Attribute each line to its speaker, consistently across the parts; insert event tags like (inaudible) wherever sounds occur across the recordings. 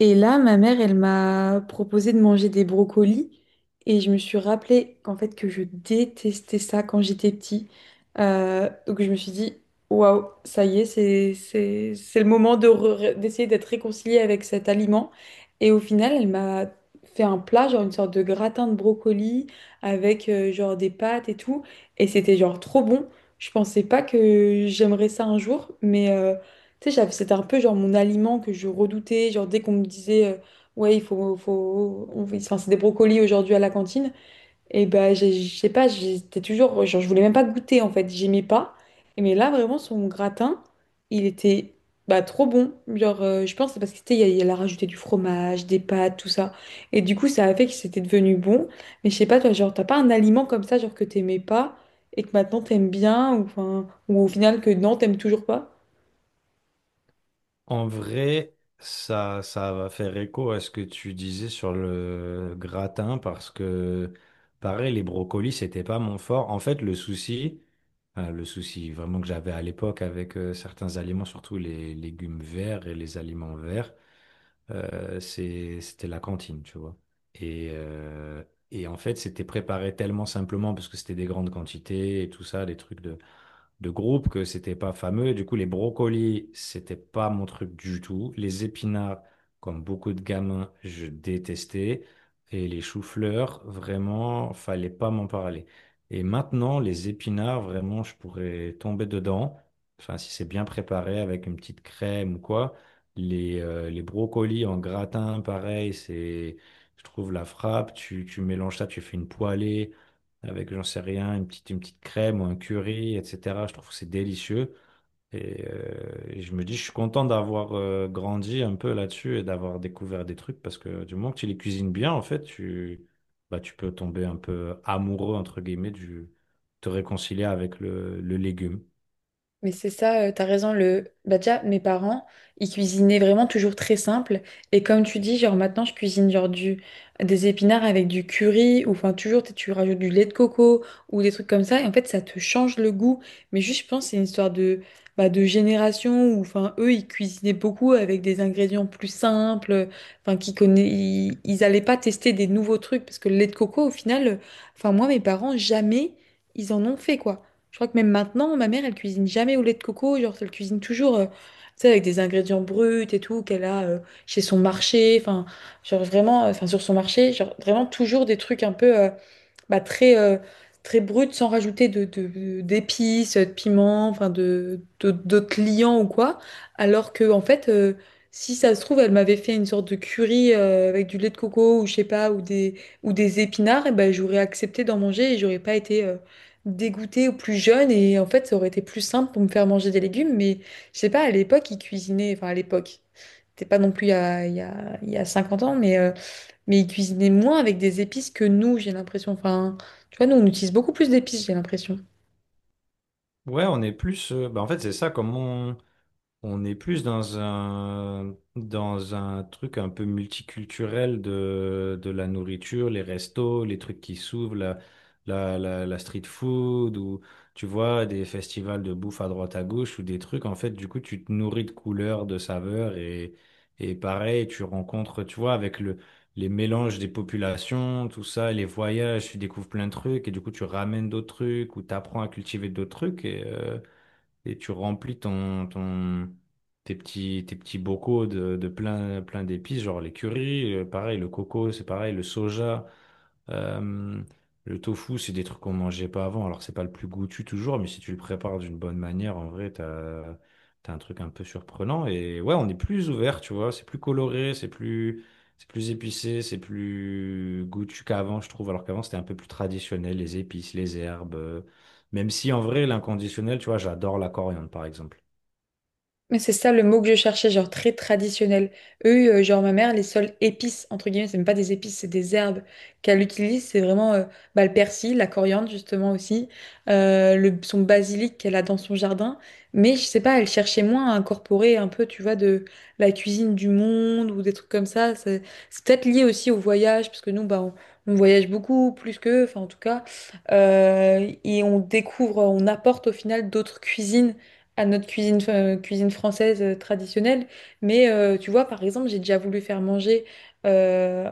Speaker 1: Et là, ma mère, elle m'a proposé de manger des brocolis et je me suis rappelé qu'en fait que je détestais ça quand j'étais petit. Donc je me suis dit, waouh, ça y est, c'est le moment d'essayer d'être réconciliée avec cet aliment. Et au final, elle m'a fait un plat, genre une sorte de gratin de brocolis avec genre des pâtes et tout. Et c'était genre trop bon. Je pensais pas que j'aimerais ça un jour, mais tu sais, c'était un peu genre mon aliment que je redoutais. Genre, dès qu'on me disait, ouais, il faut, faut, on- enfin, c'est des brocolis aujourd'hui à la cantine, et ben, je sais pas, j'étais toujours, genre, je voulais même pas goûter en fait, j'aimais pas. Et mais là, vraiment, son gratin, il était bah, trop bon. Genre, je pense que c'est parce qu'il il y a il a rajouté du fromage, des pâtes, tout ça. Et du coup, ça a fait que c'était devenu bon. Mais je sais pas, toi, genre, t'as pas un aliment comme ça, genre, que t'aimais pas et que maintenant t'aimes bien, ou, enfin, ou au final que non, t'aimes toujours pas?
Speaker 2: En vrai, ça va faire écho à ce que tu disais sur le gratin parce que, pareil, les brocolis, c'était pas mon fort. En fait, le souci vraiment que j'avais à l'époque avec certains aliments, surtout les légumes verts et les aliments verts, c'était la cantine, tu vois. Et, euh, et en fait, c'était préparé tellement simplement parce que c'était des grandes quantités et tout ça, des trucs de groupe que c'était pas fameux. Et du coup, les brocolis, c'était pas mon truc du tout. Les épinards, comme beaucoup de gamins, je détestais. Et les choux-fleurs, vraiment, fallait pas m'en parler. Et maintenant, les épinards, vraiment, je pourrais tomber dedans. Enfin, si c'est bien préparé avec une petite crème ou quoi. Les brocolis en gratin, pareil, je trouve la frappe. Tu mélanges ça, tu fais une poêlée avec, j'en sais rien, une petite crème ou un curry, etc. Je trouve que c'est délicieux. Et je me dis, je suis content d'avoir grandi un peu là-dessus et d'avoir découvert des trucs parce que du moment que tu les cuisines bien, en fait, bah, tu peux tomber un peu amoureux, entre guillemets, te réconcilier avec le légume.
Speaker 1: Mais c'est ça, t'as raison. Bah déjà, mes parents, ils cuisinaient vraiment toujours très simple. Et comme tu dis, genre maintenant, je cuisine des épinards avec du curry, ou enfin toujours, tu rajoutes du lait de coco, ou des trucs comme ça. Et en fait, ça te change le goût. Mais juste, je pense, que c'est une histoire bah, de génération, où enfin, eux, ils cuisinaient beaucoup avec des ingrédients plus simples, enfin, ils allaient pas tester des nouveaux trucs, parce que le lait de coco, au final, enfin, moi, mes parents, jamais, ils en ont fait, quoi. Je crois que même maintenant, ma mère, elle cuisine jamais au lait de coco. Genre, elle cuisine toujours, tu sais, avec des ingrédients bruts et tout, qu'elle a chez son marché. Enfin, genre vraiment, enfin, sur son marché, genre vraiment toujours des trucs un peu, bah, très, très brute, sans rajouter d'épices, de piments, enfin d'autres liants ou quoi. Alors que, en fait, si ça se trouve, elle m'avait fait une sorte de curry avec du lait de coco ou je sais pas, ou des épinards, et ben j'aurais accepté d'en manger et j'aurais pas été, dégoûtée ou plus jeune et en fait ça aurait été plus simple pour me faire manger des légumes, mais je sais pas, à l'époque ils cuisinaient, enfin, à l'époque c'était pas non plus il y a, il y a, il y a 50 ans, mais ils cuisinaient moins avec des épices que nous, j'ai l'impression. Enfin, tu vois, nous, on utilise beaucoup plus d'épices, j'ai l'impression.
Speaker 2: Ouais, on est plus. Bah, en fait, c'est ça, on est plus dans un truc un peu multiculturel de la nourriture, les restos, les trucs qui s'ouvrent, la street food, ou tu vois, des festivals de bouffe à droite à gauche, ou des trucs. En fait, du coup, tu te nourris de couleurs, de saveurs, et pareil, tu rencontres, tu vois, avec les mélanges des populations, tout ça, les voyages, tu découvres plein de trucs, et du coup, tu ramènes d'autres trucs, ou t'apprends à cultiver d'autres trucs, et tu remplis tes petits bocaux de plein, plein d'épices, genre les currys, pareil, le coco, c'est pareil, le soja. Euh, le tofu, c'est des trucs qu'on mangeait pas avant. Alors, c'est pas le plus goûtu toujours, mais si tu le prépares d'une bonne manière, en vrai, t'as un truc un peu surprenant. Et ouais, on est plus ouvert, tu vois. C'est plus épicé, c'est plus goûtu qu'avant, je trouve. Alors qu'avant, c'était un peu plus traditionnel, les épices, les herbes. Même si, en vrai, l'inconditionnel, tu vois, j'adore la coriandre, par exemple.
Speaker 1: Mais c'est ça le mot que je cherchais, genre très traditionnel. Eux, genre ma mère, les seules épices, entre guillemets, c'est même pas des épices, c'est des herbes qu'elle utilise. C'est vraiment bah, le persil, la coriandre justement aussi, son basilic qu'elle a dans son jardin. Mais je sais pas, elle cherchait moins à incorporer un peu, tu vois, de la cuisine du monde ou des trucs comme ça. C'est peut-être lié aussi au voyage, parce que nous, bah, on voyage beaucoup, plus qu'eux, enfin en tout cas. Et on découvre, on apporte au final d'autres cuisines à notre cuisine, cuisine française traditionnelle. Mais tu vois, par exemple, j'ai déjà voulu faire manger euh,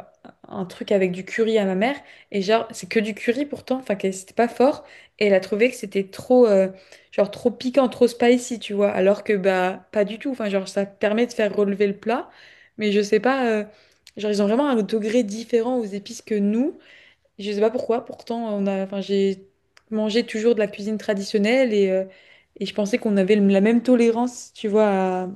Speaker 1: un truc avec du curry à ma mère. Et genre, c'est que du curry pourtant, enfin, que c'était pas fort. Et elle a trouvé que c'était trop, genre, trop piquant, trop spicy, tu vois. Alors que, bah, pas du tout. Enfin, genre, ça permet de faire relever le plat. Mais je sais pas, genre, ils ont vraiment un degré différent aux épices que nous. Je sais pas pourquoi, pourtant on a, enfin j'ai mangé toujours de la cuisine traditionnelle, et je pensais qu'on avait la même tolérance, tu vois, à-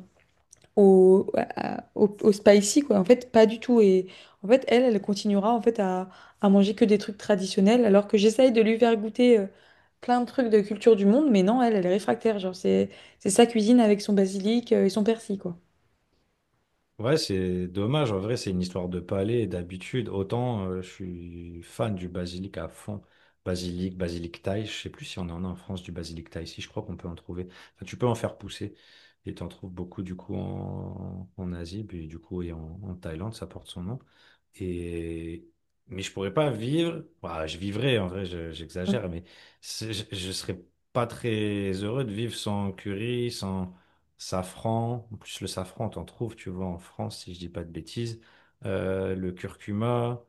Speaker 1: au, à- au, au spicy quoi. En fait, pas du tout. Et en fait, elle, elle continuera en fait à manger que des trucs traditionnels, alors que j'essaye de lui faire goûter plein de trucs de culture du monde, mais non, elle, elle est réfractaire. Genre c'est sa cuisine avec son basilic et son persil quoi.
Speaker 2: Ouais, c'est dommage. En vrai, c'est une histoire de palais et d'habitude. Autant je suis fan du basilic à fond. Basilic, basilic thaï. Je sais plus si on en a en France du basilic thaï. Si, je crois qu'on peut en trouver. Enfin, tu peux en faire pousser. Et tu en trouves beaucoup du coup en, en Asie. Puis du coup, et en, en Thaïlande, ça porte son nom. Et... Mais je pourrais pas vivre. Bah, je vivrais, en vrai,
Speaker 1: Mm.
Speaker 2: j'exagère. Mais je serais pas très heureux de vivre sans curry, sans safran. En plus, le safran, t'en trouves, tu vois, en France, si je dis pas de bêtises. Le curcuma,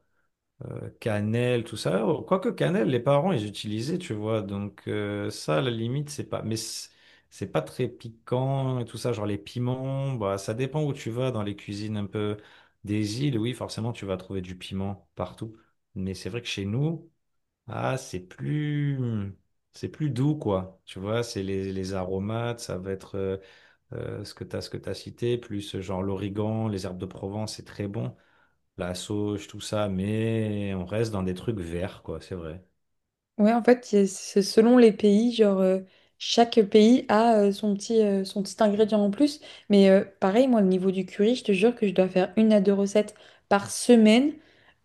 Speaker 2: cannelle, tout ça. Oh, quoique cannelle, les parents, ils utilisaient, tu vois. Donc, ça, à la limite, c'est pas. Mais c'est pas très piquant et tout ça. Genre, les piments, bah, ça dépend où tu vas dans les cuisines un peu des îles. Oui, forcément, tu vas trouver du piment partout. Mais c'est vrai que chez nous, ah, c'est plus. C'est plus doux, quoi. Tu vois, c'est les aromates, ça va être. Ce que tu as, ce que tu as cité, plus genre l'origan, les herbes de Provence, c'est très bon, la sauge, tout ça, mais on reste dans des trucs verts, quoi, c'est vrai.
Speaker 1: Ouais, en fait, c'est selon les pays, genre chaque pays a son petit ingrédient en plus. Mais pareil, moi, au niveau du curry, je te jure que je dois faire une à deux recettes par semaine,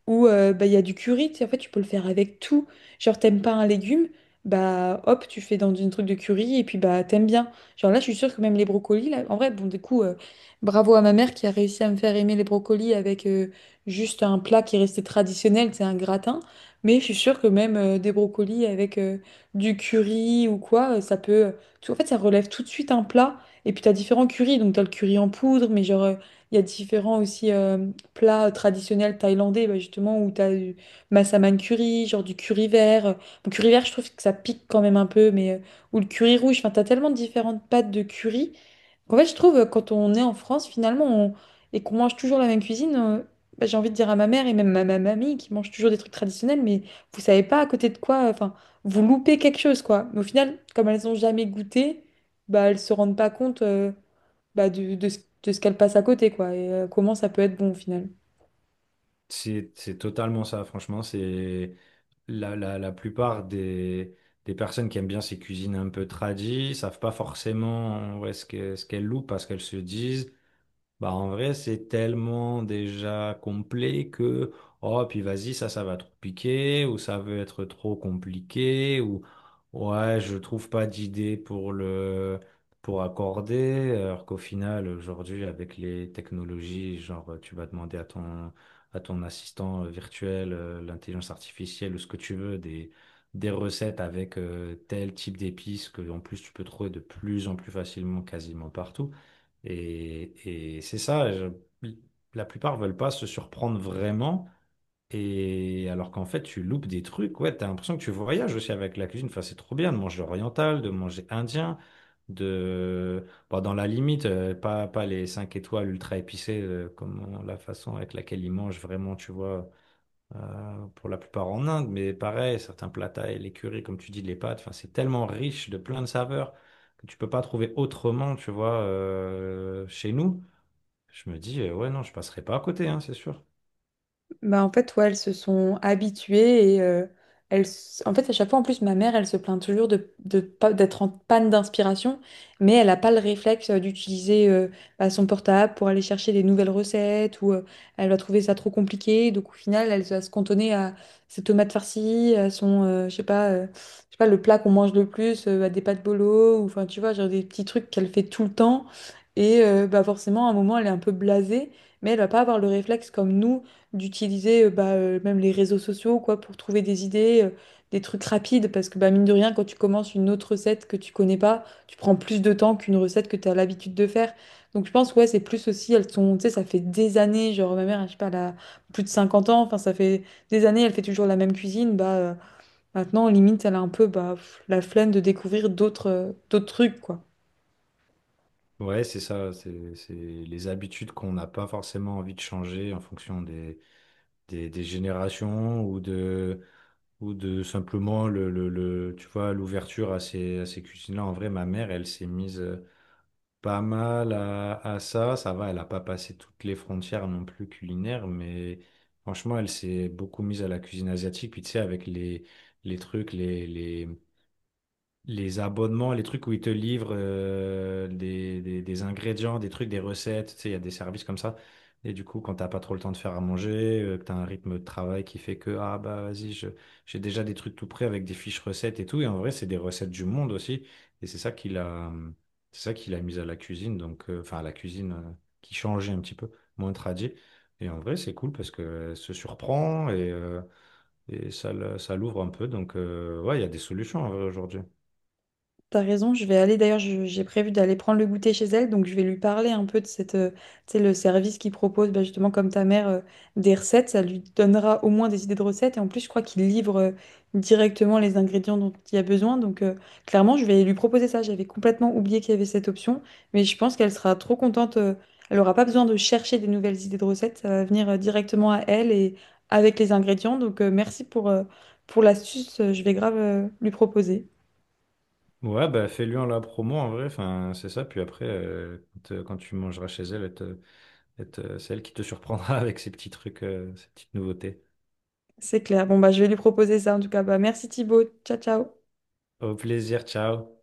Speaker 1: ou bah, il y a du curry, tu sais, en fait, tu peux le faire avec tout. Genre, t'aimes pas un légume, bah hop, tu fais dans une truc de curry et puis bah t'aimes bien. Genre là, je suis sûre que même les brocolis, là, en vrai, bon, du coup, bravo à ma mère qui a réussi à me faire aimer les brocolis avec juste un plat qui restait traditionnel, c'est un gratin. Mais je suis sûre que même des brocolis avec du curry ou quoi, ça peut, en fait, ça relève tout de suite un plat. Et puis t'as différents currys, donc t'as le curry en poudre, mais genre, il y a différents aussi plats traditionnels thaïlandais, bah, justement, où tu as du massaman curry, genre du curry vert. Bon, curry vert, je trouve que ça pique quand même un peu, mais ou le curry rouge. Enfin, tu as tellement de différentes pâtes de curry. En fait, je trouve, quand on est en France, finalement, et qu'on mange toujours la même cuisine, bah, j'ai envie de dire à ma mère et même à ma mamie qui mange toujours des trucs traditionnels, mais vous savez pas à côté de quoi, enfin, vous loupez quelque chose, quoi. Mais au final, comme elles n'ont jamais goûté, bah, elles se rendent pas compte, bah, de ce qu'elle passe à côté, quoi, et comment ça peut être bon au final.
Speaker 2: C'est totalement ça, franchement, c'est la plupart des personnes qui aiment bien ces cuisines un peu tradies, savent pas forcément ouais, ce qu'elles louent parce qu'elles se disent. Bah, en vrai, c'est tellement déjà complet que, oh, puis vas-y, ça va trop piquer, ou ça veut être trop compliqué, ouais, je trouve pas d'idée pour pour accorder, alors qu'au final, aujourd'hui, avec les technologies, genre, tu vas demander à à ton assistant virtuel, l'intelligence artificielle, ou ce que tu veux, des recettes avec tel type d'épices que, en plus, tu peux trouver de plus en plus facilement, quasiment partout. Et c'est ça, la plupart veulent pas se surprendre vraiment. Et alors qu'en fait, tu loupes des trucs, ouais, t'as l'impression que tu voyages aussi avec la cuisine. Enfin, c'est trop bien de manger oriental, de manger indien, de. Bon, dans la limite, pas les 5 étoiles ultra épicées, la façon avec laquelle ils mangent vraiment, tu vois pour la plupart en Inde, mais pareil, certains plats thaï, les currys, comme tu dis, les pâtes, enfin, c'est tellement riche de plein de saveurs que tu peux pas trouver autrement, tu vois, chez nous. Je me dis, ouais, non, je passerai pas à côté, hein, c'est sûr.
Speaker 1: Bah en fait, ouais, elles se sont habituées et elles, en fait, à chaque fois, en plus, ma mère, elle se plaint toujours de pas, d'être en panne d'inspiration, mais elle n'a pas le réflexe d'utiliser bah, son portable pour aller chercher des nouvelles recettes, ou elle va trouver ça trop compliqué. Donc, au final, elle va se cantonner à ses tomates farcies, à son, je sais pas, le plat qu'on mange le plus, à des pâtes bolo, ou enfin, tu vois, genre des petits trucs qu'elle fait tout le temps. Et bah, forcément, à un moment, elle est un peu blasée, mais elle va pas avoir le réflexe comme nous d'utiliser bah, même les réseaux sociaux quoi pour trouver des idées, des trucs rapides, parce que bah, mine de rien, quand tu commences une autre recette que tu connais pas, tu prends plus de temps qu'une recette que tu as l'habitude de faire. Donc je pense ouais, c'est plus aussi, elles sont, tu sais, ça fait des années, genre ma mère, je sais pas, elle a plus de 50 ans, enfin ça fait des années, elle fait toujours la même cuisine, bah maintenant limite elle a un peu bah, pff, la flemme de découvrir d'autres trucs quoi.
Speaker 2: Ouais, c'est ça, c'est les habitudes qu'on n'a pas forcément envie de changer en fonction des générations ou de simplement tu vois, l'ouverture à à ces cuisines-là. En vrai, ma mère, elle s'est mise. Pas mal à ça. Ça va, elle n'a pas passé toutes les frontières non plus culinaires, mais franchement, elle s'est beaucoup mise à la cuisine asiatique. Puis tu sais, avec les trucs, les, les, les abonnements, les trucs où ils te livrent des ingrédients, des trucs, des recettes, tu sais, il y a des services comme ça. Et du coup, quand t'as pas trop le temps de faire à manger, que t'as un rythme de travail qui fait que, ah bah vas-y, j'ai déjà des trucs tout prêts avec des fiches recettes et tout. Et en vrai, c'est des recettes du monde aussi. Et c'est ça qu'il a, c'est ça qu'il a mis à la cuisine, donc, enfin, à la cuisine qui changeait un petit peu, moins tradie. Et en vrai, c'est cool parce que se surprend et ça, ça l'ouvre un peu. Donc, ouais, il y a des solutions en vrai, aujourd'hui.
Speaker 1: T'as raison, je vais aller d'ailleurs, j'ai prévu d'aller prendre le goûter chez elle, donc je vais lui parler un peu de cette, tu sais, le service qu'ils propose, bah, justement comme ta mère, des recettes, ça lui donnera au moins des idées de recettes, et en plus je crois qu'il livre directement les ingrédients dont il y a besoin, donc clairement je vais lui proposer ça, j'avais complètement oublié qu'il y avait cette option, mais je pense qu'elle sera trop contente, elle aura pas besoin de chercher des nouvelles idées de recettes, ça va venir directement à elle et avec les ingrédients, donc merci pour l'astuce, je vais grave lui proposer.
Speaker 2: Ouais, bah fais-lui en la promo en vrai, enfin, c'est ça. Puis après, quand, quand tu mangeras chez elle, c'est elle qui te surprendra (laughs) avec ses petits trucs, ses petites nouveautés.
Speaker 1: C'est clair. Bon, bah, je vais lui proposer ça en tout cas. Bah, merci Thibaut. Ciao, ciao.
Speaker 2: Au plaisir, ciao.